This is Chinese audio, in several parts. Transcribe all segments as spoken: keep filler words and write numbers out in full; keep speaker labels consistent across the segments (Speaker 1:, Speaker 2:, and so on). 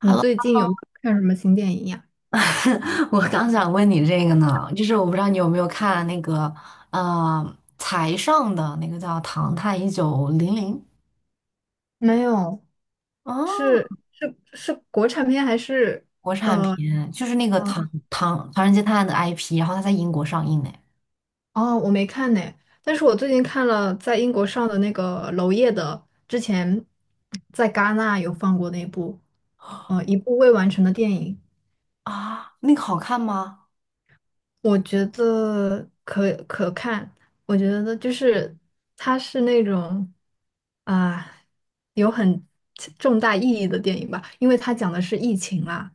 Speaker 1: 你 最近有没有看什么新电影呀？
Speaker 2: 我刚想问你这个呢，就是我不知道你有没有看那个呃财上的那个叫《唐探一九零零》。
Speaker 1: 没有，
Speaker 2: 啊，
Speaker 1: 是是是国产片还是
Speaker 2: 国产
Speaker 1: 呃
Speaker 2: 片，就是那个唐
Speaker 1: 呃
Speaker 2: 唐唐人街探案的 I P，然后它在英国上映呢。
Speaker 1: 哦，我没看呢。但是我最近看了在英国上的那个娄烨的，之前在戛纳有放过那部，呃，一部未完成的电影。
Speaker 2: 啊，那个好看吗？
Speaker 1: 我觉得可可看，我觉得就是它是那种啊、有很重大意义的电影吧，因为它讲的是疫情啦，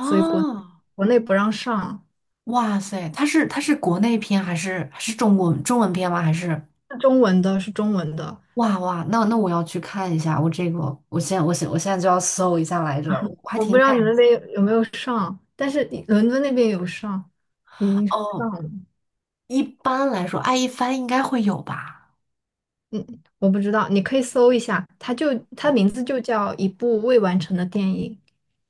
Speaker 1: 所以国国内不让上。
Speaker 2: 哇塞，它是它是国内片还是还是中国中文片吗？还是
Speaker 1: 是中文的，是中文的。
Speaker 2: 哇哇，那那我要去看一下，我这个我现在我现我现在就要搜一下来着，我还
Speaker 1: 我不
Speaker 2: 挺
Speaker 1: 知道
Speaker 2: 感
Speaker 1: 你们那
Speaker 2: 兴
Speaker 1: 边有
Speaker 2: 趣。
Speaker 1: 有没有上，但是伦敦那边有上，已经上
Speaker 2: 哦，
Speaker 1: 了。
Speaker 2: 一般来说，爱一帆应该会有吧？
Speaker 1: 我不知道，你可以搜一下，它就它名字就叫一部未完成的电影。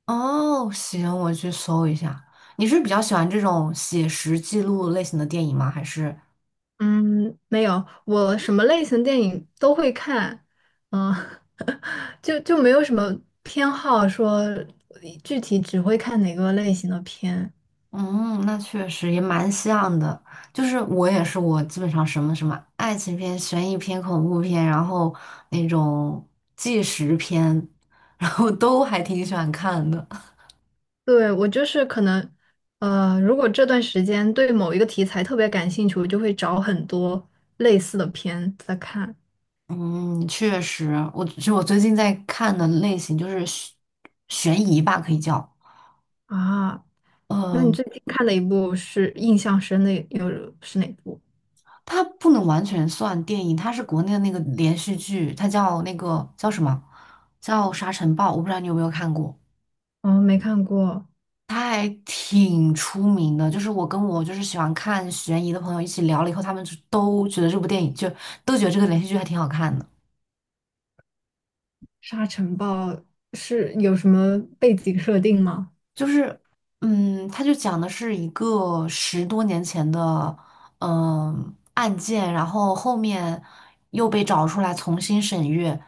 Speaker 2: 哦，行，我去搜一下。你是比较喜欢这种写实记录类型的电影吗？还是？
Speaker 1: 嗯，没有，我什么类型电影都会看。嗯，就就没有什么偏好说具体只会看哪个类型的片。
Speaker 2: 嗯，那确实也蛮像的。就是我也是，我基本上什么什么爱情片、悬疑片、恐怖片，然后那种纪实片，然后都还挺喜欢看的。
Speaker 1: 对，我就是可能，呃，如果这段时间对某一个题材特别感兴趣，我就会找很多类似的片在看。
Speaker 2: 嗯，确实，我就我最近在看的类型就是悬悬疑吧，可以叫。
Speaker 1: 啊，那你
Speaker 2: 嗯、
Speaker 1: 最近看的一部是印象深的有是哪部？
Speaker 2: 它不能完全算电影，它是国内的那个连续剧，它叫那个叫什么？叫《沙尘暴》，我不知道你有没有看过，
Speaker 1: 哦，没看过
Speaker 2: 它还挺出名的。就是我跟我就是喜欢看悬疑的朋友一起聊了以后，他们就都觉得这部电影就都觉得这个连续剧还挺好看的。
Speaker 1: 《沙尘暴》，是有什么背景设定吗？
Speaker 2: 就是，嗯，他就讲的是一个十多年前的，嗯，案件，然后后面又被找出来重新审阅，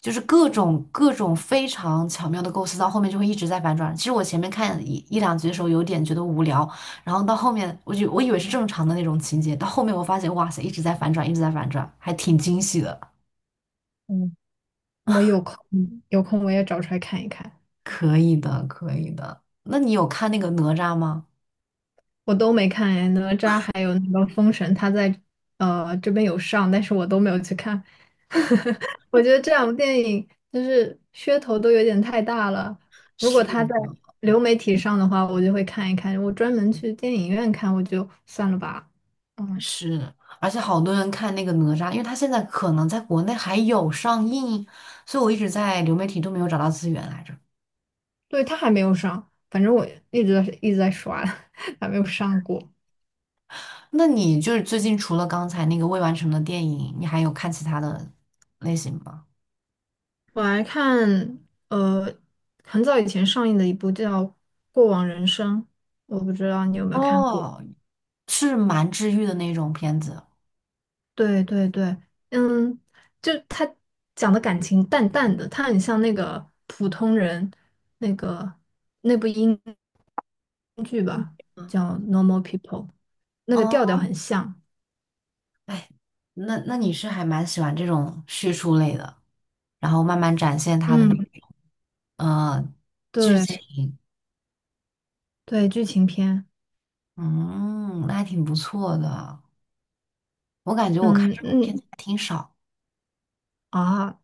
Speaker 2: 就是各种各种非常巧妙的构思，到后面就会一直在反转。其实我前面看一一两集的时候有点觉得无聊，然后到后面我就我以为是正常的那种情节，到后面我发现哇塞，一直在反转，一直在反转，还挺惊喜的。
Speaker 1: 嗯，我有空嗯有空我也找出来看一看。
Speaker 2: 可以的，可以的。那你有看那个哪吒吗？
Speaker 1: 我都没看哎，哪吒还有那个封神，他在呃这边有上，但是我都没有去看。我觉得这两部电影就是噱头都有点太大了，如果
Speaker 2: 是
Speaker 1: 他在流媒体上的话，我就会看一看。我专门去电影院看，我就算了吧。嗯，
Speaker 2: 是，而且好多人看那个哪吒，因为他现在可能在国内还有上映，所以我一直在流媒体都没有找到资源来着。
Speaker 1: 对，他还没有上，反正我一直在一直在刷，还没有上过。
Speaker 2: 那你就是最近除了刚才那个未完成的电影，你还有看其他的类型吗？
Speaker 1: 我还看呃很早以前上映的一部叫《过往人生》，我不知道你有没有看过。
Speaker 2: 哦，是蛮治愈的那种片子。
Speaker 1: 对对对，嗯，就他讲的感情淡淡的，他很像那个普通人那个那部英剧吧，
Speaker 2: 嗯
Speaker 1: 叫《Normal People》，那个
Speaker 2: 啊
Speaker 1: 调调
Speaker 2: 哦，
Speaker 1: 很像。
Speaker 2: 哎，那那你是还蛮喜欢这种叙述类的，然后慢慢展现它的那
Speaker 1: 嗯，
Speaker 2: 种呃剧
Speaker 1: 对
Speaker 2: 情，
Speaker 1: 对，剧情片。
Speaker 2: 嗯，那还挺不错的。我感觉我看
Speaker 1: 嗯
Speaker 2: 这种片
Speaker 1: 嗯，
Speaker 2: 子还挺少。
Speaker 1: 啊，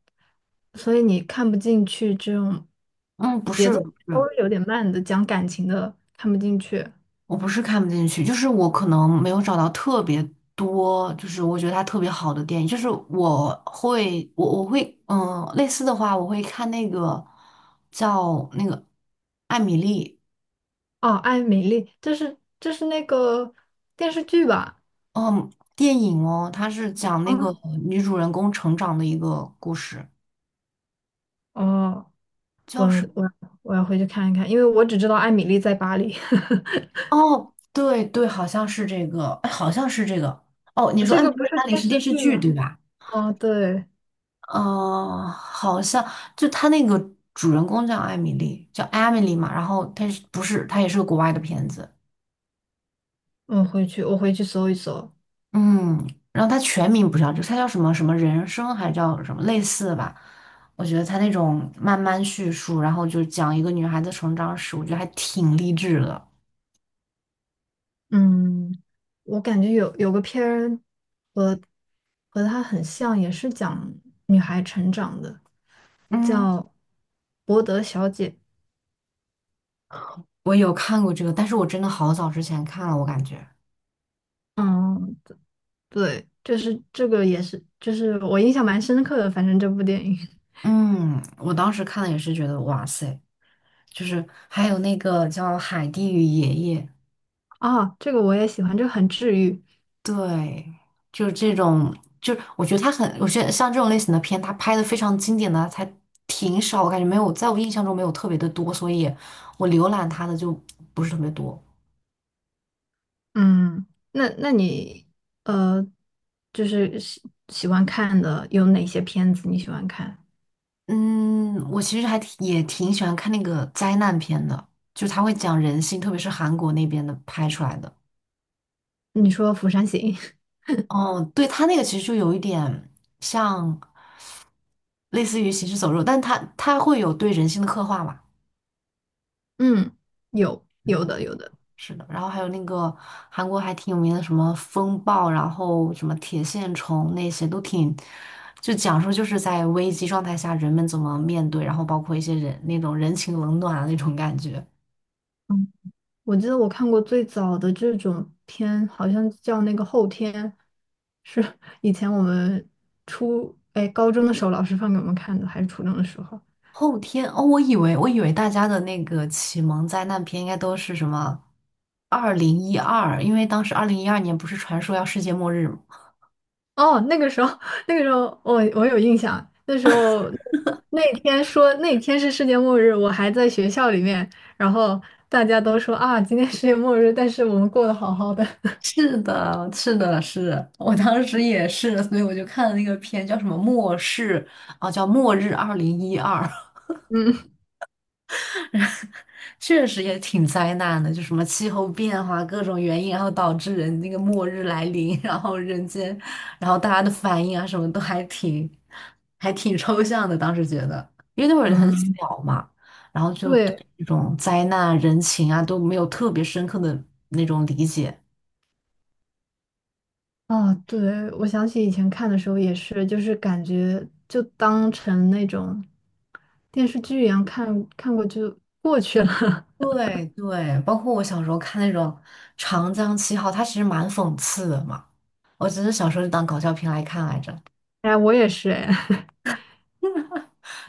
Speaker 1: 所以你看不进去这种
Speaker 2: 嗯，不
Speaker 1: 节
Speaker 2: 是
Speaker 1: 奏
Speaker 2: 不
Speaker 1: 稍
Speaker 2: 是，
Speaker 1: 微有点慢的讲感情的，看不进去。
Speaker 2: 我不是看不进去，就是我可能没有找到特别多，就是我觉得它特别好的电影。就是我会，我我会，嗯，类似的话，我会看那个叫那个艾米丽，
Speaker 1: 哦，《艾米丽》这是这是那个电视剧吧？
Speaker 2: 嗯，电影哦，它是讲那个
Speaker 1: 啊，
Speaker 2: 女主人公成长的一个故事。
Speaker 1: 哦，我我我要回去看一看，因为我只知道《艾米丽在巴黎》。
Speaker 2: 哦，对对，好像是这个，哎，好像是这个。哦，你 说
Speaker 1: 这
Speaker 2: 《艾米
Speaker 1: 个
Speaker 2: 丽
Speaker 1: 不
Speaker 2: 在
Speaker 1: 是
Speaker 2: 巴黎》
Speaker 1: 电
Speaker 2: 是
Speaker 1: 视
Speaker 2: 电视
Speaker 1: 剧
Speaker 2: 剧
Speaker 1: 吗？
Speaker 2: 对吧？
Speaker 1: 哦，对，
Speaker 2: 哦，好像就他那个主人公叫艾米丽，叫艾米丽嘛，然后他是不是他也是个国外的片子，
Speaker 1: 我回去我回去搜一搜。
Speaker 2: 嗯，然后他全名不叫这个，他叫什么什么人生还叫什么类似的吧？我觉得他那种慢慢叙述，然后就讲一个女孩子成长史，我觉得还挺励志的。
Speaker 1: 嗯，我感觉有有个片儿和和它很像，也是讲女孩成长的。
Speaker 2: 嗯，
Speaker 1: 叫博德小姐。
Speaker 2: 我有看过这个，但是我真的好早之前看了，我感觉，
Speaker 1: 嗯，对，就是这个也是，就是我印象蛮深刻的，反正这部电影。
Speaker 2: 嗯，我当时看了也是觉得哇塞，就是还有那个叫《海蒂与爷爷》。
Speaker 1: 啊，这个我也喜欢，这个很治愈。
Speaker 2: 对，就是这种，就是我觉得他很，我觉得像这种类型的片，他拍的非常经典的才挺少，我感觉没有，在我印象中没有特别的多，所以我浏览他的就不是特别多。
Speaker 1: 嗯，那那你呃，就是喜喜欢看的有哪些片子你喜欢看？
Speaker 2: 嗯，我其实还挺也挺喜欢看那个灾难片的，就是他会讲人性，特别是韩国那边的拍出来的。
Speaker 1: 你说《釜山行》？
Speaker 2: 哦，对，他那个其实就有一点像类似于行尸走肉，但他他会有对人性的刻画嘛。
Speaker 1: 嗯，有有的有的。
Speaker 2: 是的，然后还有那个韩国还挺有名的什么风暴，然后什么铁线虫那些都挺，就讲述就是在危机状态下人们怎么面对，然后包括一些人那种人情冷暖的那种感觉。
Speaker 1: 嗯。我记得我看过最早的这种片，好像叫那个后天，是以前我们初，哎，高中的时候老师放给我们看的，还是初中的时候？
Speaker 2: 后天哦，我以为我以为大家的那个启蒙灾难片应该都是什么二零一二，二零一二因为当时二零一二年不是传说要世界末日。
Speaker 1: 哦，那个时候，那个时候我我有印象，那时候那天说那天是世界末日，我还在学校里面，然后大家都说啊，今天世界末日，但是我们过得好好的。
Speaker 2: 是的，是的，是我当时也是，所以我就看了那个片，叫什么《末世》啊，叫《末日二零一二》，
Speaker 1: 嗯
Speaker 2: 确实也挺灾难的，就什么气候变化各种原因，然后导致人那个末日来临，然后人间，然后大家的反应啊，什么都还挺还挺抽象的。当时觉得，因为那会儿很
Speaker 1: 嗯，
Speaker 2: 小嘛，然后就对
Speaker 1: 对，
Speaker 2: 这种灾难人情啊都没有特别深刻的那种理解。
Speaker 1: 啊，对，我想起以前看的时候也是，就是感觉就当成那种电视剧一样看，看过就过去了。
Speaker 2: 对对，包括我小时候看那种《长江七号》，它其实蛮讽刺的嘛。我只是小时候就当搞笑片来看来着。
Speaker 1: 哎，我也是，哎，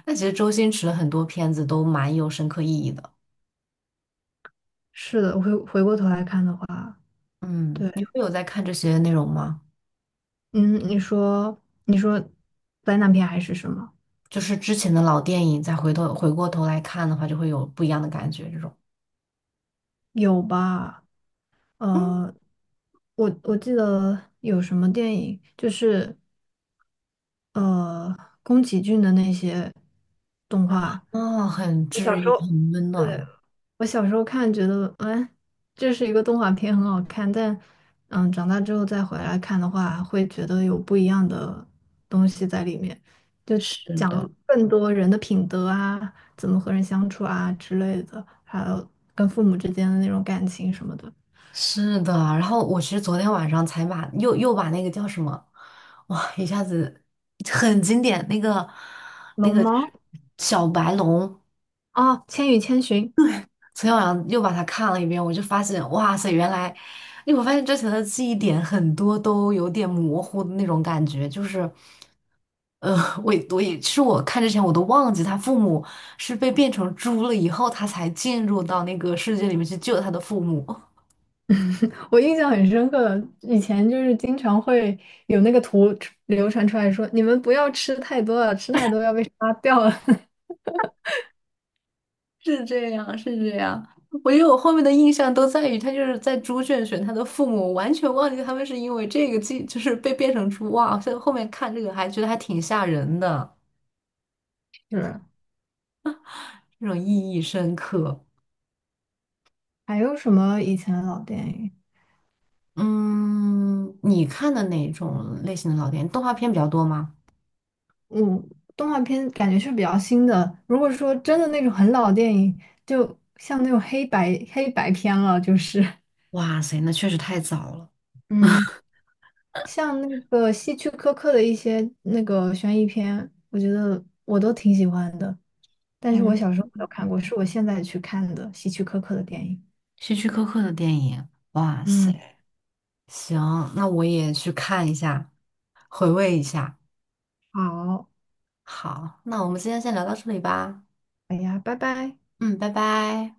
Speaker 2: 那其实周星驰的很多片子都蛮有深刻意义的。
Speaker 1: 是的，回回过头来看的话，
Speaker 2: 嗯，
Speaker 1: 对。
Speaker 2: 你会有在看这些内容吗？
Speaker 1: 嗯，你说，你说灾难片还是什么？
Speaker 2: 就是之前的老电影，再回头回过头来看的话，就会有不一样的感觉。这种，
Speaker 1: 有吧？
Speaker 2: 嗯
Speaker 1: 呃，我我记得有什么电影，就是呃宫崎骏的那些动
Speaker 2: 啊，
Speaker 1: 画。
Speaker 2: 哦很
Speaker 1: 我小
Speaker 2: 治
Speaker 1: 时
Speaker 2: 愈，
Speaker 1: 候。
Speaker 2: 很温
Speaker 1: 对。
Speaker 2: 暖啊。
Speaker 1: 我小时候看觉得，哎，这是一个动画片，很好看，但嗯，长大之后再回来看的话，会觉得有不一样的东西在里面，就
Speaker 2: 是
Speaker 1: 讲
Speaker 2: 的。
Speaker 1: 了更多人的品德啊，怎么和人相处啊之类的，还有跟父母之间的那种感情什么的。
Speaker 2: 是的，然后我其实昨天晚上才把又又把那个叫什么，哇，一下子很经典，那个那
Speaker 1: 龙
Speaker 2: 个就是
Speaker 1: 猫。
Speaker 2: 小白龙，
Speaker 1: 哦，《千与千寻》。
Speaker 2: 昨天晚上又把它看了一遍，我就发现，哇塞，原来，因为我发现之前的记忆点很多都有点模糊的那种感觉，就是，呃，我也我也，是我看之前我都忘记他父母是被变成猪了以后，他才进入到那个世界里面去救他的父母。
Speaker 1: 我印象很深刻，以前就是经常会有那个图流传出来说，你们不要吃太多了，吃太多要被杀掉了。
Speaker 2: 是这样，是这样。我觉得我后面的印象都在于他就是在猪圈选他的父母，我完全忘记他们是因为这个记，就是被变成猪。哇，所以后面看这个还觉得还挺吓人的，
Speaker 1: 是。
Speaker 2: 这种意义深刻。
Speaker 1: 还有什么以前的老电影？
Speaker 2: 嗯，你看的哪种类型的老电影？动画片比较多吗？
Speaker 1: 嗯，动画片感觉是比较新的。如果说真的那种很老的电影，就像那种黑白黑白片了，就是
Speaker 2: 哇塞，那确实太早了。
Speaker 1: 嗯，像那个希区柯克的一些那个悬疑片，我觉得我都挺喜欢的。但是我
Speaker 2: 嗯，
Speaker 1: 小时候没有看过，是我现在去看的希区柯克的电影。
Speaker 2: 希区柯克的电影，哇
Speaker 1: 嗯，
Speaker 2: 塞，行，那我也去看一下，回味一下。
Speaker 1: 好，
Speaker 2: 好，那我们今天先聊到这里吧。
Speaker 1: 哎呀，拜拜。
Speaker 2: 嗯，拜拜。